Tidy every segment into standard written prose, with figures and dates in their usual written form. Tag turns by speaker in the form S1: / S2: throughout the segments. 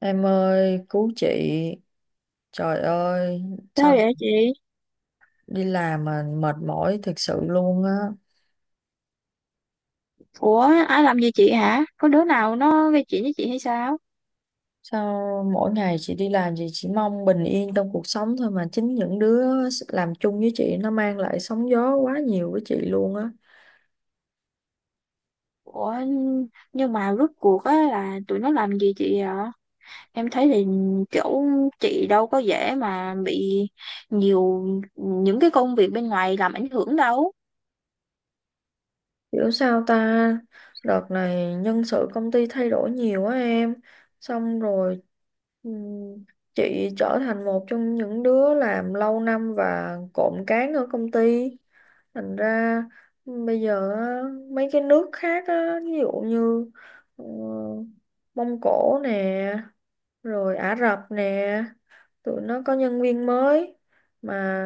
S1: Em ơi, cứu chị. Trời ơi, sao
S2: Sao vậy chị?
S1: đi làm mà mệt mỏi thực sự luôn á.
S2: Ủa, ai làm gì chị hả? Có đứa nào nó gây chuyện với chị hay sao?
S1: Sao mỗi ngày chị đi làm chị chỉ mong bình yên trong cuộc sống thôi mà chính những đứa làm chung với chị nó mang lại sóng gió quá nhiều với chị luôn á.
S2: Ủa, nhưng mà rốt cuộc á là tụi nó làm gì chị ạ? Em thấy thì kiểu chị đâu có dễ mà bị nhiều những cái công việc bên ngoài làm ảnh hưởng đâu.
S1: Hiểu sao ta? Đợt này nhân sự công ty thay đổi nhiều á em. Xong rồi ừm, chị trở thành một trong những đứa làm lâu năm và cộm cán ở công ty. Thành ra bây giờ á, mấy cái nước khác á, ví dụ như ờ, Mông Cổ nè rồi Ả Rập nè, tụi nó có nhân viên mới mà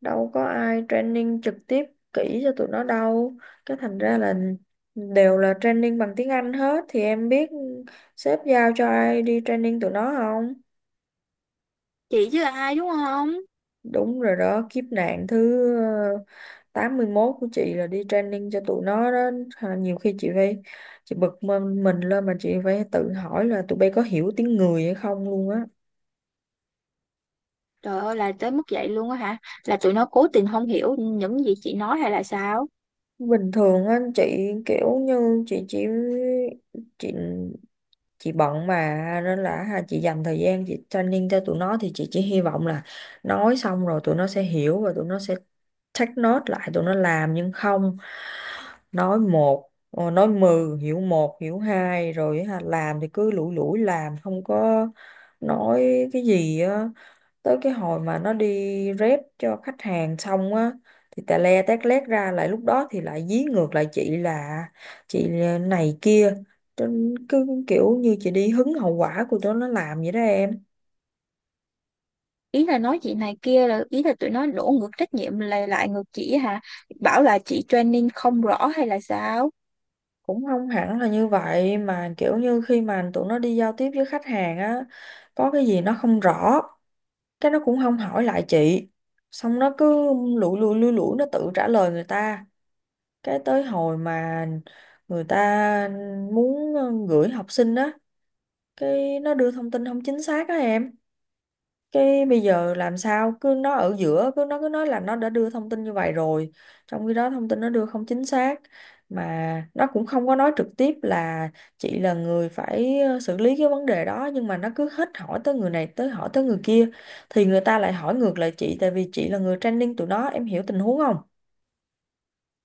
S1: đâu có ai training trực tiếp kỹ cho tụi nó đâu, cái thành ra là đều là training bằng tiếng Anh hết, thì em biết sếp giao cho ai đi training tụi nó không?
S2: Chị chứ ai đúng không?
S1: Đúng rồi đó, kiếp nạn thứ 81 của chị là đi training cho tụi nó đó. Nhiều khi chị phải, chị bực mình lên mà chị phải tự hỏi là tụi bay có hiểu tiếng người hay không luôn á.
S2: Trời ơi là tới mức vậy luôn á hả? Là tụi nó cố tình không hiểu những gì chị nói hay là sao?
S1: Bình thường á, chị kiểu như chị chỉ, chị chị bận mà nên là ha, chị dành thời gian chị training cho tụi nó thì chị chỉ hy vọng là nói xong rồi tụi nó sẽ hiểu và tụi nó sẽ take note lại, tụi nó làm nhưng không, nói một nói mười hiểu một hiểu hai rồi ha, làm thì cứ lủi lủi làm không có nói cái gì á, tới cái hồi mà nó đi rep cho khách hàng xong á thì tè le tét lét ra, lại lúc đó thì lại dí ngược lại chị là chị này kia, trên cứ kiểu như chị đi hứng hậu quả của tụi nó làm vậy đó em.
S2: Ý là nói chị này kia là ý là tụi nó đổ ngược trách nhiệm lại lại ngược chị hả? Bảo là chị training không rõ hay là sao?
S1: Cũng không hẳn là như vậy mà kiểu như khi mà tụi nó đi giao tiếp với khách hàng á, có cái gì nó không rõ, cái nó cũng không hỏi lại chị, xong nó cứ lủi lủi nó tự trả lời người ta, cái tới hồi mà người ta muốn gửi học sinh á, cái nó đưa thông tin không chính xác á em, cái bây giờ làm sao cứ nó ở giữa cứ nó cứ nói là nó đã đưa thông tin như vậy rồi, trong khi đó thông tin nó đưa không chính xác, mà nó cũng không có nói trực tiếp là chị là người phải xử lý cái vấn đề đó, nhưng mà nó cứ hết hỏi tới người này tới hỏi tới người kia, thì người ta lại hỏi ngược lại chị tại vì chị là người training tụi nó, em hiểu tình huống không?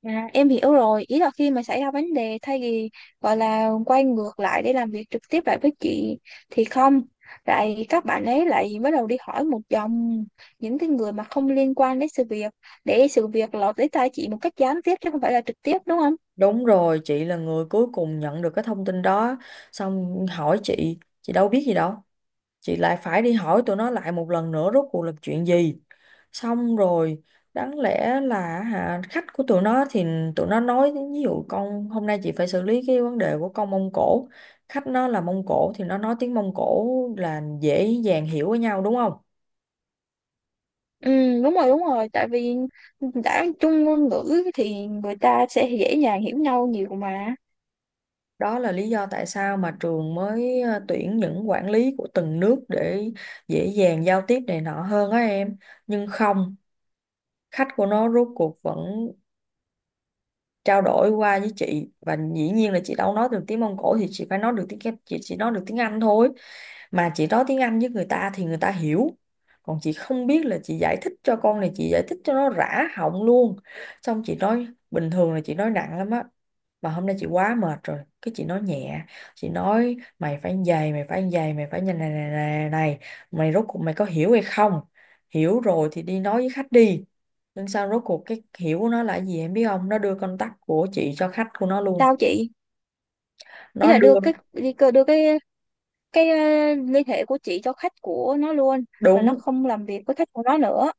S2: À, em hiểu rồi. Ý là khi mà xảy ra vấn đề, thay vì gọi là quay ngược lại để làm việc trực tiếp lại với chị thì không, lại các bạn ấy lại bắt đầu đi hỏi một dòng những cái người mà không liên quan đến sự việc, để sự việc lọt tới tai chị một cách gián tiếp chứ không phải là trực tiếp, đúng không?
S1: Đúng rồi, chị là người cuối cùng nhận được cái thông tin đó, xong hỏi chị đâu biết gì đâu, chị lại phải đi hỏi tụi nó lại một lần nữa rốt cuộc là chuyện gì. Xong rồi đáng lẽ là hả, khách của tụi nó thì tụi nó nói, ví dụ con hôm nay chị phải xử lý cái vấn đề của con Mông Cổ, khách nó là Mông Cổ thì nó nói tiếng Mông Cổ, là dễ dàng hiểu với nhau đúng không.
S2: Ừ, đúng rồi đúng rồi, tại vì đã chung ngôn ngữ thì người ta sẽ dễ dàng hiểu nhau nhiều mà.
S1: Đó là lý do tại sao mà trường mới tuyển những quản lý của từng nước để dễ dàng giao tiếp này nọ hơn á em. Nhưng không, khách của nó rốt cuộc vẫn trao đổi qua với chị, và dĩ nhiên là chị đâu nói được tiếng Mông Cổ thì chị phải nói được tiếng, chị chỉ nói được tiếng Anh thôi, mà chị nói tiếng Anh với người ta thì người ta hiểu, còn chị không biết là chị giải thích cho con này, chị giải thích cho nó rã họng luôn. Xong chị nói bình thường là chị nói nặng lắm á, mà hôm nay chị quá mệt rồi cái chị nói nhẹ, chị nói mày phải như vậy mày phải như vậy mày phải như này này này này, mày rốt cuộc mày có hiểu hay không, hiểu rồi thì đi nói với khách đi, nhưng sao rốt cuộc cái hiểu của nó là cái gì em biết không, nó đưa contact của chị cho khách của nó luôn.
S2: Sao chị? Ý
S1: Nó
S2: là đưa
S1: đưa
S2: cái đưa cái liên hệ của chị cho khách của nó luôn. Và nó
S1: đúng
S2: không làm việc với khách của nó nữa.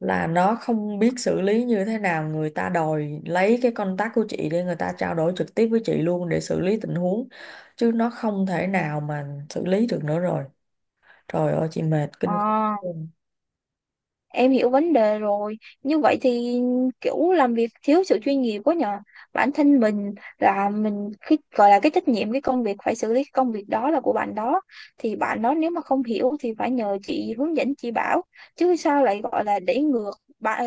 S1: là nó không biết xử lý như thế nào, người ta đòi lấy cái contact của chị để người ta trao đổi trực tiếp với chị luôn để xử lý tình huống, chứ nó không thể nào mà xử lý được nữa rồi. Trời ơi chị mệt
S2: Ờ.
S1: kinh khủng.
S2: Em hiểu vấn đề rồi. Như vậy thì kiểu làm việc thiếu sự chuyên nghiệp quá nhờ. Bản thân mình là mình cái gọi là cái trách nhiệm cái công việc phải xử lý cái công việc đó là của bạn đó. Thì bạn đó nếu mà không hiểu thì phải nhờ chị hướng dẫn chị bảo. Chứ sao lại gọi là để ngược bạn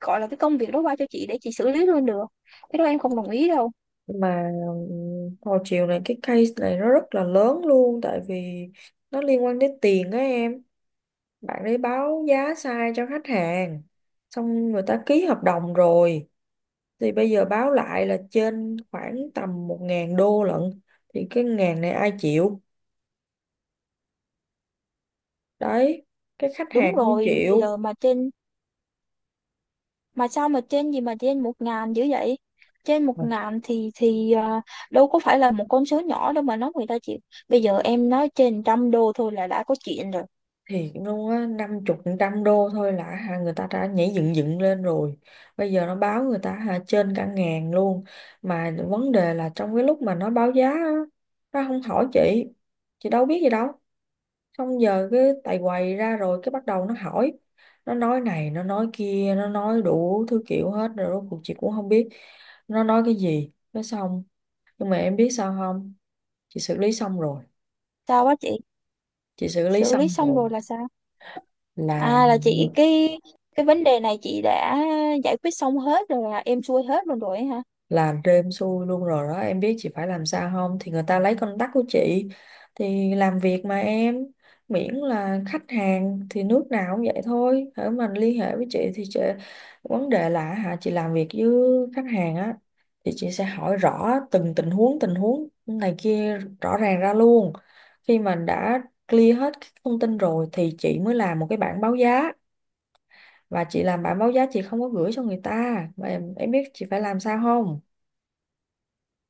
S2: gọi là cái công việc đó qua cho chị để chị xử lý luôn được. Cái đó em không đồng ý đâu.
S1: Nhưng mà hồi chiều này cái case này nó rất là lớn luôn tại vì nó liên quan đến tiền á em, bạn ấy báo giá sai cho khách hàng, xong người ta ký hợp đồng rồi, thì bây giờ báo lại là trên khoảng tầm 1.000 đô lận, thì cái ngàn này ai chịu đấy, cái khách
S2: Đúng
S1: hàng không
S2: rồi, bây
S1: chịu
S2: giờ mà trên, mà sao mà trên gì mà trên 1.000 dữ vậy? Trên một
S1: mà.
S2: ngàn thì à, đâu có phải là một con số nhỏ đâu mà nói người ta chịu. Bây giờ em nói trên 100 đô thôi là đã có chuyện rồi.
S1: Thiệt luôn á, năm chục trăm đô thôi là hả người ta đã nhảy dựng dựng lên rồi, bây giờ nó báo người ta hả trên cả ngàn luôn. Mà vấn đề là trong cái lúc mà nó báo giá á, nó không hỏi chị đâu biết gì đâu, xong giờ cái tại quầy ra rồi cái bắt đầu nó hỏi, nó nói này nó nói kia nó nói đủ thứ kiểu hết rồi, rốt cuộc chị cũng không biết nó nói cái gì. Cái xong nhưng mà em biết sao không, chị xử lý xong rồi.
S2: Sao quá chị?
S1: Chị xử lý
S2: Xử lý
S1: xong
S2: xong
S1: rồi
S2: rồi là sao?
S1: là
S2: À, là chị cái vấn đề này chị đã giải quyết xong hết rồi, là em xuôi hết luôn rồi hả?
S1: làm cho em xui luôn rồi đó, em biết chị phải làm sao không, thì người ta lấy contact của chị thì làm việc mà em, miễn là khách hàng thì nước nào cũng vậy thôi, hễ mình liên hệ với chị thì chị, vấn đề là hả chị làm việc với khách hàng á, thì chị sẽ hỏi rõ từng tình huống này kia rõ ràng ra luôn, khi mà đã clear hết các thông tin rồi thì chị mới làm một cái bảng báo giá, và chị làm bảng báo giá chị không có gửi cho người ta mà em biết chị phải làm sao không?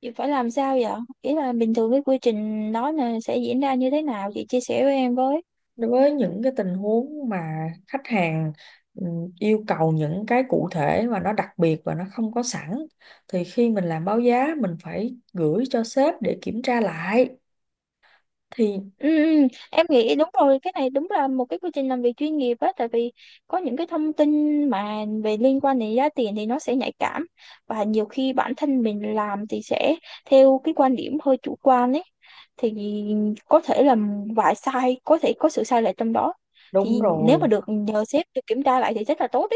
S2: Chị phải làm sao vậy? Ý là bình thường cái quy trình đó là sẽ diễn ra như thế nào, chị chia sẻ với em với.
S1: Đối với những cái tình huống mà khách hàng ừ, yêu cầu những cái cụ thể và nó đặc biệt và nó không có sẵn, thì khi mình làm báo giá mình phải gửi cho sếp để kiểm tra lại thì
S2: Ừ, ừ, em nghĩ đúng rồi, cái này đúng là một cái quy trình làm việc chuyên nghiệp á, tại vì có những cái thông tin mà về liên quan đến giá tiền thì nó sẽ nhạy cảm, và nhiều khi bản thân mình làm thì sẽ theo cái quan điểm hơi chủ quan ấy, thì có thể là vài sai có thể có sự sai lệch trong đó.
S1: đúng
S2: Thì nếu mà
S1: rồi.
S2: được nhờ sếp được kiểm tra lại thì rất là tốt.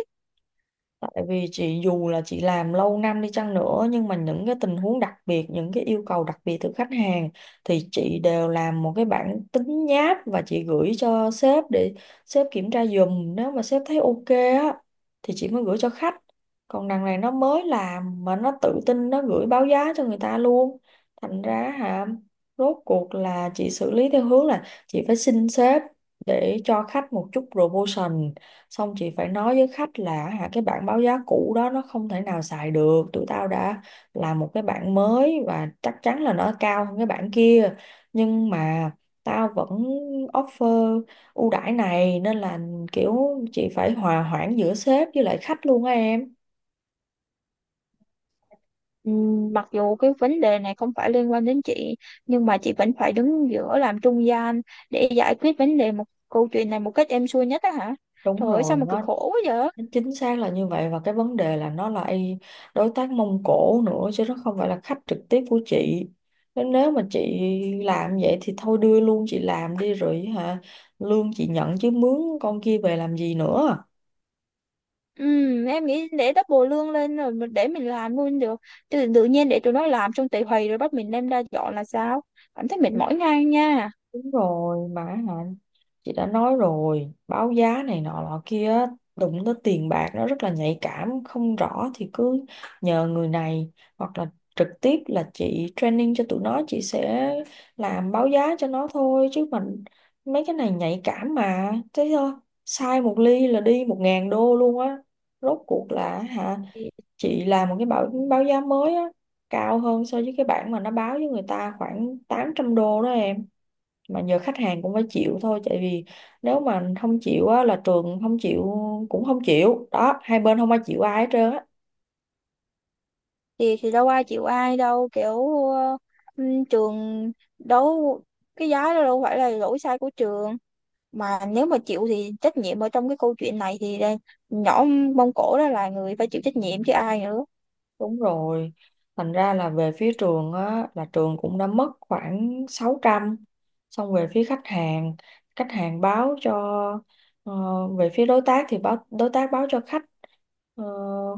S1: Tại vì chị dù là chị làm lâu năm đi chăng nữa, nhưng mà những cái tình huống đặc biệt, những cái yêu cầu đặc biệt từ khách hàng thì chị đều làm một cái bản tính nháp và chị gửi cho sếp để sếp kiểm tra giùm. Nếu mà sếp thấy ok á thì chị mới gửi cho khách. Còn đằng này nó mới làm mà nó tự tin nó gửi báo giá cho người ta luôn. Thành ra hả, rốt cuộc là chị xử lý theo hướng là chị phải xin sếp để cho khách một chút promotion, xong chị phải nói với khách là hả cái bảng báo giá cũ đó nó không thể nào xài được, tụi tao đã làm một cái bảng mới và chắc chắn là nó cao hơn cái bảng kia, nhưng mà tao vẫn offer ưu đãi này, nên là kiểu chị phải hòa hoãn giữa sếp với lại khách luôn á em.
S2: Mặc dù cái vấn đề này không phải liên quan đến chị nhưng mà chị vẫn phải đứng giữa làm trung gian để giải quyết vấn đề một câu chuyện này một cách êm xuôi nhất á hả?
S1: Đúng
S2: Trời ơi sao
S1: rồi,
S2: mà cực
S1: nó
S2: khổ quá vậy?
S1: chính xác là như vậy, và cái vấn đề là nó là đối tác Mông Cổ nữa chứ nó không phải là khách trực tiếp của chị, nên nếu mà chị làm vậy thì thôi đưa luôn chị làm đi rồi hả, lương chị nhận chứ mướn con kia về làm gì nữa.
S2: Em nghĩ để double lương lên rồi để mình làm luôn được. Tự nhiên để tụi nó làm xong tị hì rồi bắt mình đem ra dọn là sao? Cảm thấy mệt
S1: Đúng,
S2: mỏi ngay nha.
S1: đúng rồi mà hả, chị đã nói rồi báo giá này nọ nọ kia á, đụng tới tiền bạc nó rất là nhạy cảm, không rõ thì cứ nhờ người này hoặc là trực tiếp là chị training cho tụi nó, chị sẽ làm báo giá cho nó thôi, chứ mình mấy cái này nhạy cảm mà thế thôi, sai một ly là đi 1.000 đô luôn á. Rốt cuộc là hả,
S2: Thì,
S1: chị làm một cái báo báo giá mới á, cao hơn so với cái bản mà nó báo với người ta khoảng 800 đô đó em, mà giờ khách hàng cũng phải chịu thôi tại vì nếu mà không chịu á là trường không chịu, cũng không chịu đó, hai bên không ai chịu ai hết trơn á.
S2: thì đâu ai chịu ai đâu, kiểu trường đâu, cái giá đó đâu phải là lỗi sai của trường, mà nếu mà chịu thì trách nhiệm ở trong cái câu chuyện này thì là nhỏ Mông Cổ đó là người phải chịu trách nhiệm chứ ai nữa.
S1: Đúng rồi. Thành ra là về phía trường á, là trường cũng đã mất khoảng 600. Xong về phía khách hàng báo cho ờ, về phía đối tác thì báo, đối tác báo cho khách ờ,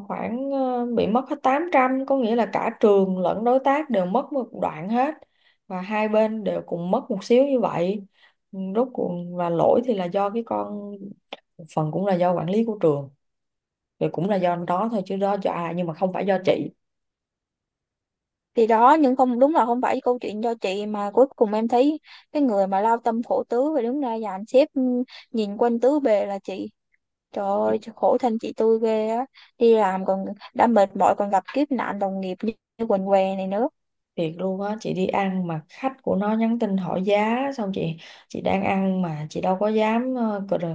S1: khoảng bị mất hết 800. Có nghĩa là cả trường lẫn đối tác đều mất một đoạn hết, và hai bên đều cùng mất một xíu như vậy. Rốt cuộc và lỗi thì là do cái con, phần cũng là do quản lý của trường thì cũng là do đó thôi chứ đó do ai, nhưng mà không phải do chị.
S2: Thì đó, nhưng không, đúng là không phải câu chuyện do chị, mà cuối cùng em thấy cái người mà lao tâm khổ tứ và đứng ra dàn xếp, nhìn quanh tứ bề là chị. Trời ơi khổ thân chị tôi ghê á, đi làm còn đã mệt mỏi còn gặp kiếp nạn đồng nghiệp như quần què này nữa.
S1: Thiệt luôn á, chị đi ăn mà khách của nó nhắn tin hỏi giá, xong chị đang ăn mà chị đâu có dám ờ, cờ-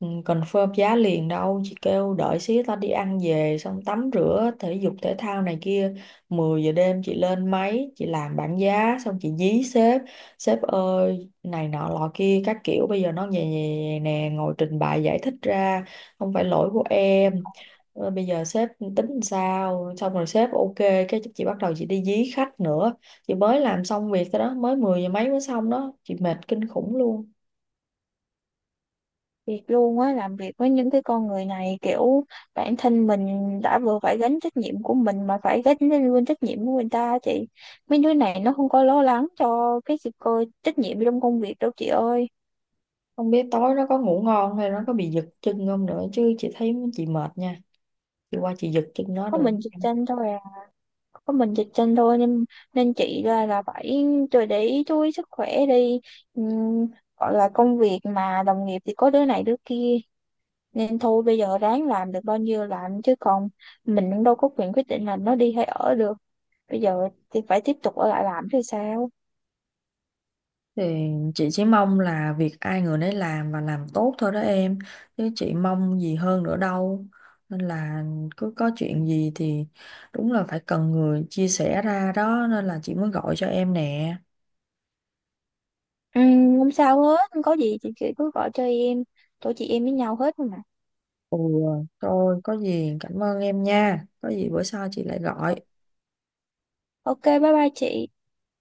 S1: ừ, confirm giá liền đâu, chị kêu đợi xíu tao đi ăn về xong tắm rửa thể dục thể thao này kia, 10 giờ đêm chị lên máy chị làm bảng giá xong chị dí sếp, sếp ơi này nọ lọ kia các kiểu bây giờ nó về nè, ngồi trình bày giải thích ra không phải lỗi của em. Bây giờ sếp tính làm sao, xong rồi sếp ok, cái chị bắt đầu chị đi dí khách nữa. Chị mới làm xong việc thôi đó, mới 10 giờ mấy mới xong đó, chị mệt kinh khủng luôn.
S2: Thiệt luôn á, làm việc với những cái con người này kiểu bản thân mình đã vừa phải gánh trách nhiệm của mình mà phải gánh lên luôn trách nhiệm của người ta á chị. Mấy đứa này nó không có lo lắng cho cái sự cơ trách nhiệm trong công việc đâu chị ơi.
S1: Không biết tối nó có ngủ ngon hay nó có bị giật chân không nữa chứ chị thấy chị mệt nha, chị qua chị giật chân nó
S2: Có
S1: được không
S2: mình dịch
S1: em?
S2: tranh thôi à? Có mình dịch tranh thôi, nên nên chị là phải tôi để ý chú ý sức khỏe đi. Ừm, gọi là công việc mà đồng nghiệp thì có đứa này đứa kia, nên thôi bây giờ ráng làm được bao nhiêu làm, chứ còn mình cũng đâu có quyền quyết định là nó đi hay ở được, bây giờ thì phải tiếp tục ở lại làm thì sao?
S1: Thì chị chỉ mong là việc ai người nấy làm và làm tốt thôi đó em, chứ chị mong gì hơn nữa đâu, nên là cứ có chuyện gì thì đúng là phải cần người chia sẻ ra đó, nên là chị mới gọi cho em nè.
S2: Ừ, không sao hết, không có gì chị cứ gọi cho em, tụi chị em với nhau hết mà.
S1: Ừ, thôi có gì cảm ơn em nha. Có gì bữa sau chị lại gọi.
S2: Ok, bye bye chị.